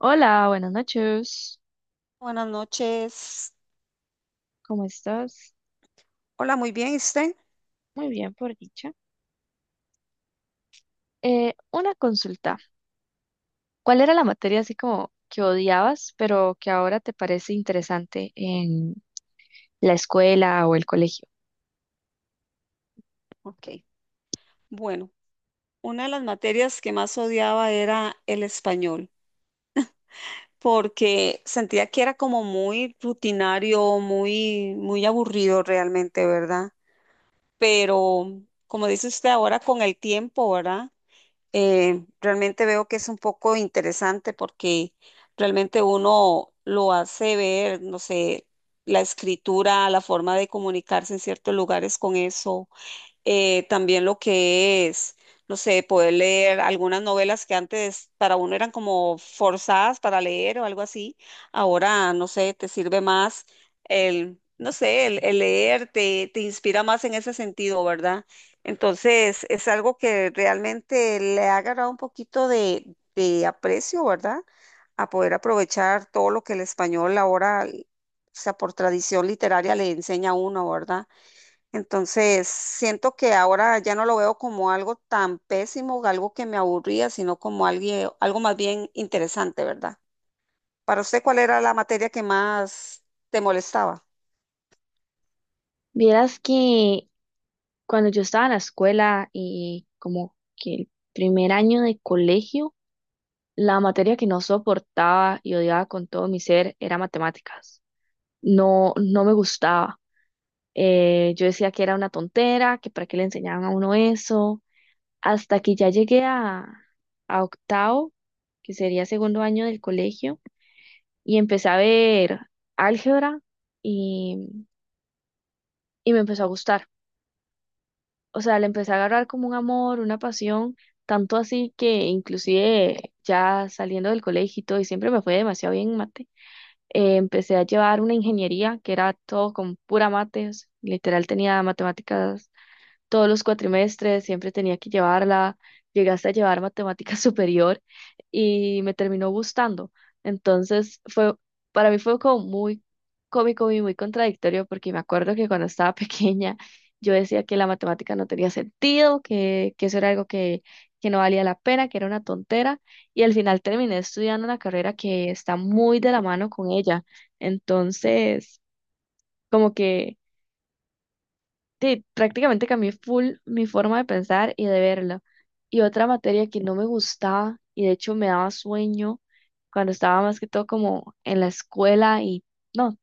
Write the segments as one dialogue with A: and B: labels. A: Hola, buenas noches.
B: Buenas noches.
A: ¿Cómo estás?
B: Hola, muy bien, ¿y usted?
A: Muy bien, por dicha. Una consulta. ¿Cuál era la materia así como que odiabas, pero que ahora te parece interesante en la escuela o el colegio?
B: Ok. Bueno, una de las materias que más odiaba era el español, porque sentía que era como muy rutinario, muy aburrido realmente, ¿verdad? Pero como dice usted ahora con el tiempo, ¿verdad? Realmente veo que es un poco interesante porque realmente uno lo hace ver, no sé, la escritura, la forma de comunicarse en ciertos lugares con eso también lo que es, no sé, poder leer algunas novelas que antes para uno eran como forzadas para leer o algo así, ahora, no sé, te sirve más el, no sé, el leer te inspira más en ese sentido, ¿verdad? Entonces, es algo que realmente le ha agarrado un poquito de aprecio, ¿verdad? A poder aprovechar todo lo que el español ahora, o sea, por tradición literaria le enseña a uno, ¿verdad? Entonces, siento que ahora ya no lo veo como algo tan pésimo, algo que me aburría, sino como alguien, algo más bien interesante, ¿verdad? Para usted, ¿cuál era la materia que más te molestaba?
A: Vieras que cuando yo estaba en la escuela y como que el primer año de colegio, la materia que no soportaba y odiaba con todo mi ser era matemáticas. No, no me gustaba. Yo decía que era una tontera, que para qué le enseñaban a uno eso hasta que ya a octavo, que sería segundo año del colegio, y empecé a ver álgebra y, y me empezó a gustar. O sea, le empecé a agarrar como un amor, una pasión, tanto así que inclusive ya saliendo del colegio y todo, y siempre me fue demasiado bien en mate, empecé a llevar una ingeniería que era todo con pura mates, literal tenía matemáticas todos los cuatrimestres, siempre tenía que llevarla, llegué hasta llevar matemática superior y me terminó gustando. Entonces fue, para mí fue como muy cómico y muy contradictorio porque me acuerdo que cuando estaba pequeña yo decía que la matemática no tenía sentido, que eso era algo que no valía la pena, que era una tontera y al final terminé estudiando una carrera que está muy de la mano con ella. Entonces, como que... Sí, prácticamente cambié full mi forma de pensar y de verlo. Y otra materia que no me gustaba y de hecho me daba sueño cuando estaba más que todo como en la escuela y no,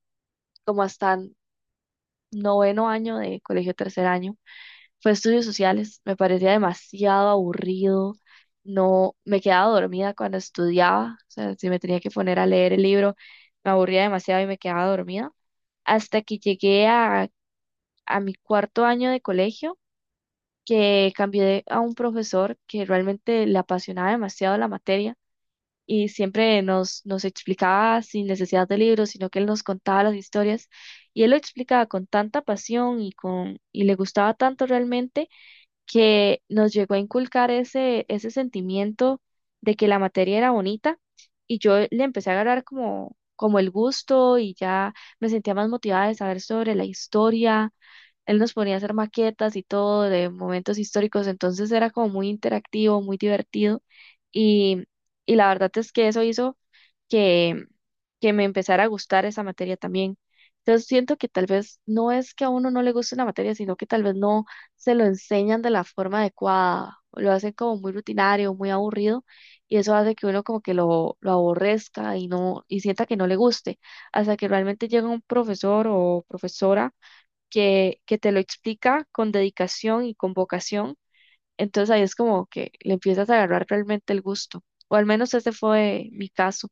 A: como hasta noveno año de colegio tercer año, fue estudios sociales. Me parecía demasiado aburrido. No, me quedaba dormida cuando estudiaba. O sea, si me tenía que poner a leer el libro, me aburría demasiado y me quedaba dormida. Hasta que llegué a mi cuarto año de colegio que cambié a un profesor que realmente le apasionaba demasiado la materia y siempre nos explicaba sin necesidad de libros, sino que él nos contaba las historias y él lo explicaba con tanta pasión y le gustaba tanto realmente que nos llegó a inculcar ese sentimiento de que la materia era bonita y yo le empecé a agarrar como, como el gusto y ya me sentía más motivada de saber sobre la historia. Él nos ponía a hacer maquetas y todo de momentos históricos, entonces era como muy interactivo, muy divertido y, y la verdad es que eso hizo que, que me empezara a gustar esa materia también. Entonces siento que tal vez no es que a uno no le guste una materia, sino que tal vez no se lo enseñan de la forma adecuada, lo hacen como muy rutinario, muy aburrido y eso hace que uno como que lo aborrezca y no y sienta que no le guste, hasta que realmente llega un profesor o profesora que te lo explica con dedicación y con vocación, entonces ahí es como que le empiezas a agarrar realmente el gusto, o al menos ese fue mi caso.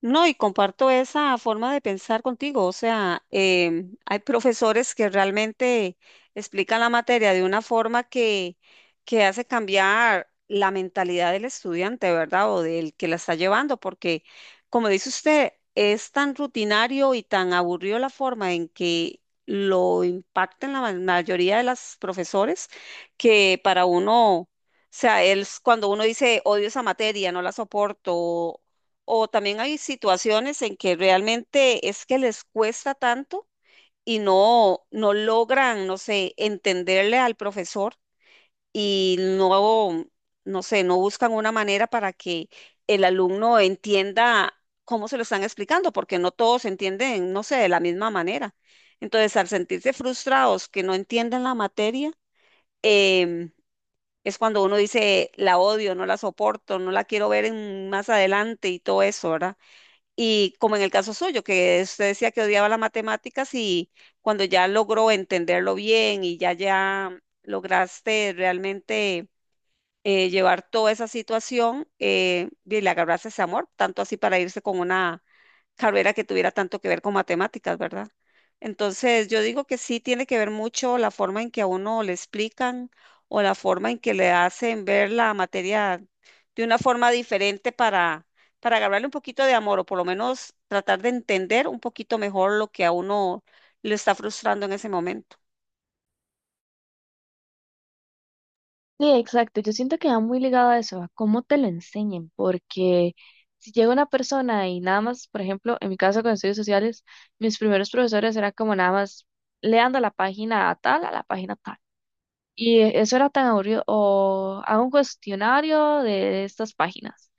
B: No, y comparto esa forma de pensar contigo. O sea, hay profesores que realmente explican la materia de una forma que hace cambiar la mentalidad del estudiante, ¿verdad? O del que la está llevando, porque como dice usted, es tan rutinario y tan aburrido la forma en que lo impactan mayoría de los profesores que para uno... O sea, es cuando uno dice odio esa materia, no la soporto, o también hay situaciones en que realmente es que les cuesta tanto y no, no logran, no sé, entenderle al profesor y no, no sé, no buscan una manera para que el alumno entienda cómo se lo están explicando, porque no todos entienden, no sé, de la misma manera. Entonces, al sentirse frustrados que no entienden la materia, em, es cuando uno dice, la odio, no la soporto, no la quiero más adelante y todo eso, ¿verdad? Y como en el caso suyo, que usted decía que odiaba las matemáticas y cuando ya logró entenderlo bien y ya lograste realmente llevar toda esa situación y le agarrarse ese amor, tanto así para irse con una carrera que tuviera tanto que ver con matemáticas, ¿verdad? Entonces, yo digo que sí tiene que ver mucho la forma en que a uno le explican o la forma en que le hacen ver la materia de una forma diferente para agarrarle un poquito de amor o por lo menos tratar de entender un poquito mejor lo que a uno le está frustrando en ese momento.
A: Sí, exacto. Yo siento que va muy ligado a eso, a cómo te lo enseñen, porque si llega una persona y nada más, por ejemplo, en mi caso con estudios sociales, mis primeros profesores eran como nada más leando la página tal a la página tal. Y eso era tan aburrido. O hago un cuestionario de estas páginas.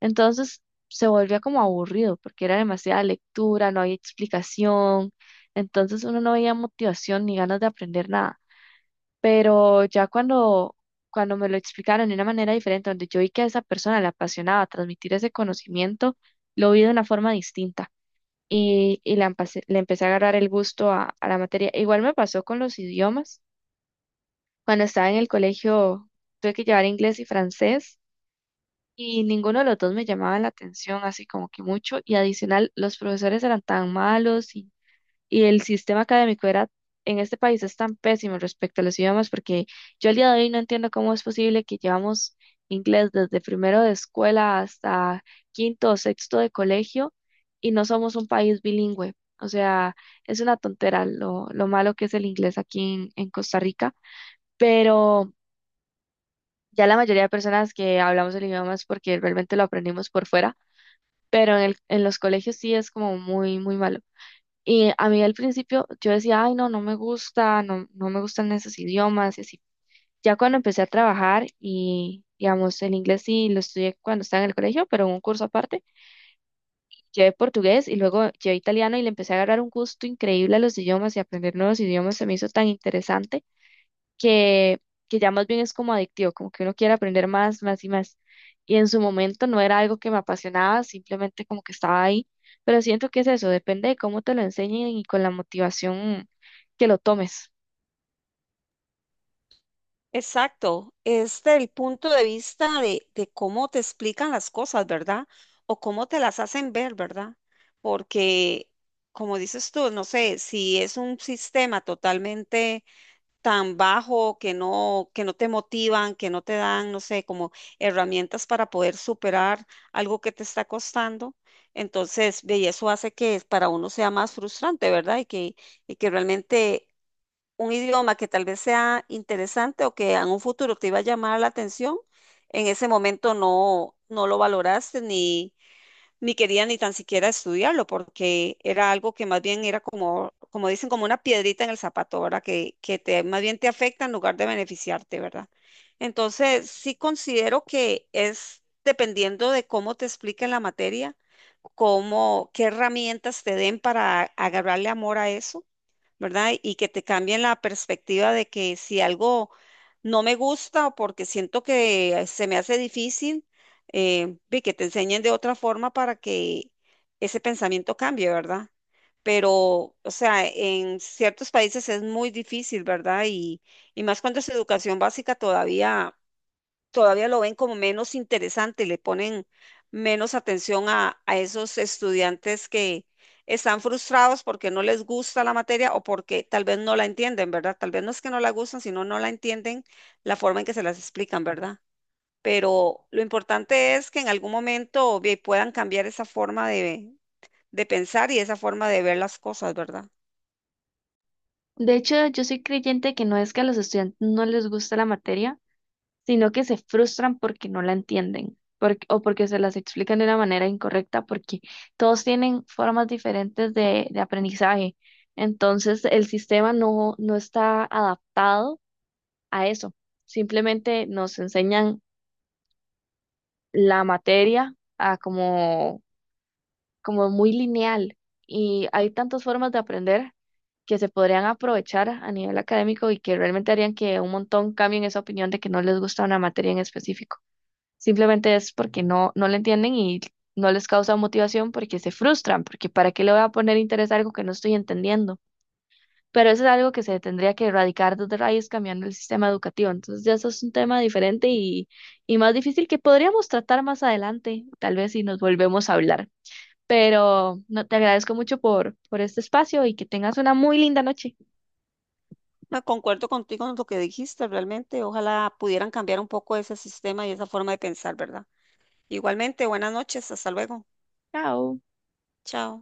A: Entonces se volvía como aburrido porque era demasiada lectura, no había explicación. Entonces uno no veía motivación ni ganas de aprender nada. Pero ya cuando me lo explicaron de una manera diferente, donde yo vi que a esa persona le apasionaba transmitir ese conocimiento, lo vi de una forma distinta. Le empecé a agarrar el gusto a la materia. Igual me pasó con los idiomas cuando estaba en el colegio. Tuve que llevar inglés y francés y ninguno de los dos me llamaba la atención así como que mucho y adicional los profesores eran tan malos, y el sistema académico era, en este país es tan pésimo respecto a los idiomas porque yo al día de hoy no entiendo cómo es posible que llevamos inglés desde primero de escuela hasta quinto o sexto de colegio y no somos un país bilingüe. O sea, es una tontera lo malo que es el inglés aquí en Costa Rica, pero... Ya la mayoría de personas que hablamos el idioma es porque realmente lo aprendimos por fuera, pero en los colegios sí es como muy, muy malo. Y a mí al principio yo decía, ay, no, no me gusta, no, no me gustan esos idiomas y así. Ya cuando empecé a trabajar y, digamos, el inglés sí lo estudié cuando estaba en el colegio, pero en un curso aparte, llevé portugués y luego llevé italiano y le empecé a agarrar un gusto increíble a los idiomas y aprender nuevos idiomas se me hizo tan interesante que, que ya más bien es como adictivo, como que uno quiere aprender más, más y más. Y en su momento no era algo que me apasionaba, simplemente como que estaba ahí. Pero siento que es eso, depende de cómo te lo enseñen y con la motivación que lo tomes.
B: Exacto, es del punto de vista de cómo te explican las cosas, ¿verdad? O cómo te las hacen ver, ¿verdad? Porque, como dices tú, no sé, si es un sistema totalmente tan bajo que no te motivan, que no te dan, no sé, como herramientas para poder superar algo que te está costando, entonces, ve, y eso hace que para uno sea más frustrante, ¿verdad? Y que realmente un idioma que tal vez sea interesante o que en un futuro te iba a llamar la atención, en ese momento no, no lo valoraste ni, ni querías ni tan siquiera estudiarlo, porque era algo que más bien era como, como dicen, como una piedrita en el zapato, ¿verdad? Que te, más bien te afecta en lugar de beneficiarte, ¿verdad? Entonces, sí considero que es dependiendo de cómo te expliquen la materia, cómo, qué herramientas te den para agarrarle amor a eso, ¿verdad? Y que te cambien la perspectiva de que si algo no me gusta o porque siento que se me hace difícil, ve que te enseñen de otra forma para que ese pensamiento cambie, ¿verdad? Pero, o sea, en ciertos países es muy difícil, ¿verdad? Y más cuando es educación básica todavía lo ven como menos interesante, le ponen menos atención a esos estudiantes que están frustrados porque no les gusta la materia o porque tal vez no la entienden, ¿verdad? Tal vez no es que no la gustan, sino no la entienden la forma en que se las explican, ¿verdad? Pero lo importante es que en algún momento ve, puedan cambiar esa forma de pensar y esa forma de ver las cosas, ¿verdad?
A: De hecho, yo soy creyente que no es que a los estudiantes no les gusta la materia, sino que se frustran porque no la entienden, o porque se las explican de una manera incorrecta, porque todos tienen formas diferentes de aprendizaje. Entonces, el sistema no está adaptado a eso. Simplemente nos enseñan la materia a como muy lineal y hay tantas formas de aprender que se podrían aprovechar a nivel académico y que realmente harían que un montón cambien esa opinión de que no les gusta una materia en específico. Simplemente es porque no la entienden y no les causa motivación porque se frustran, porque ¿para qué le voy a poner interés a algo que no estoy entendiendo? Pero eso es algo que se tendría que erradicar desde raíz cambiando el sistema educativo. Entonces ya eso es un tema diferente y más difícil que podríamos tratar más adelante, tal vez si nos volvemos a hablar. Pero no, te agradezco mucho por este espacio y que tengas una muy linda noche.
B: No, concuerdo contigo en lo que dijiste, realmente. Ojalá pudieran cambiar un poco ese sistema y esa forma de pensar, ¿verdad? Igualmente, buenas noches, hasta luego.
A: Chao.
B: Chao.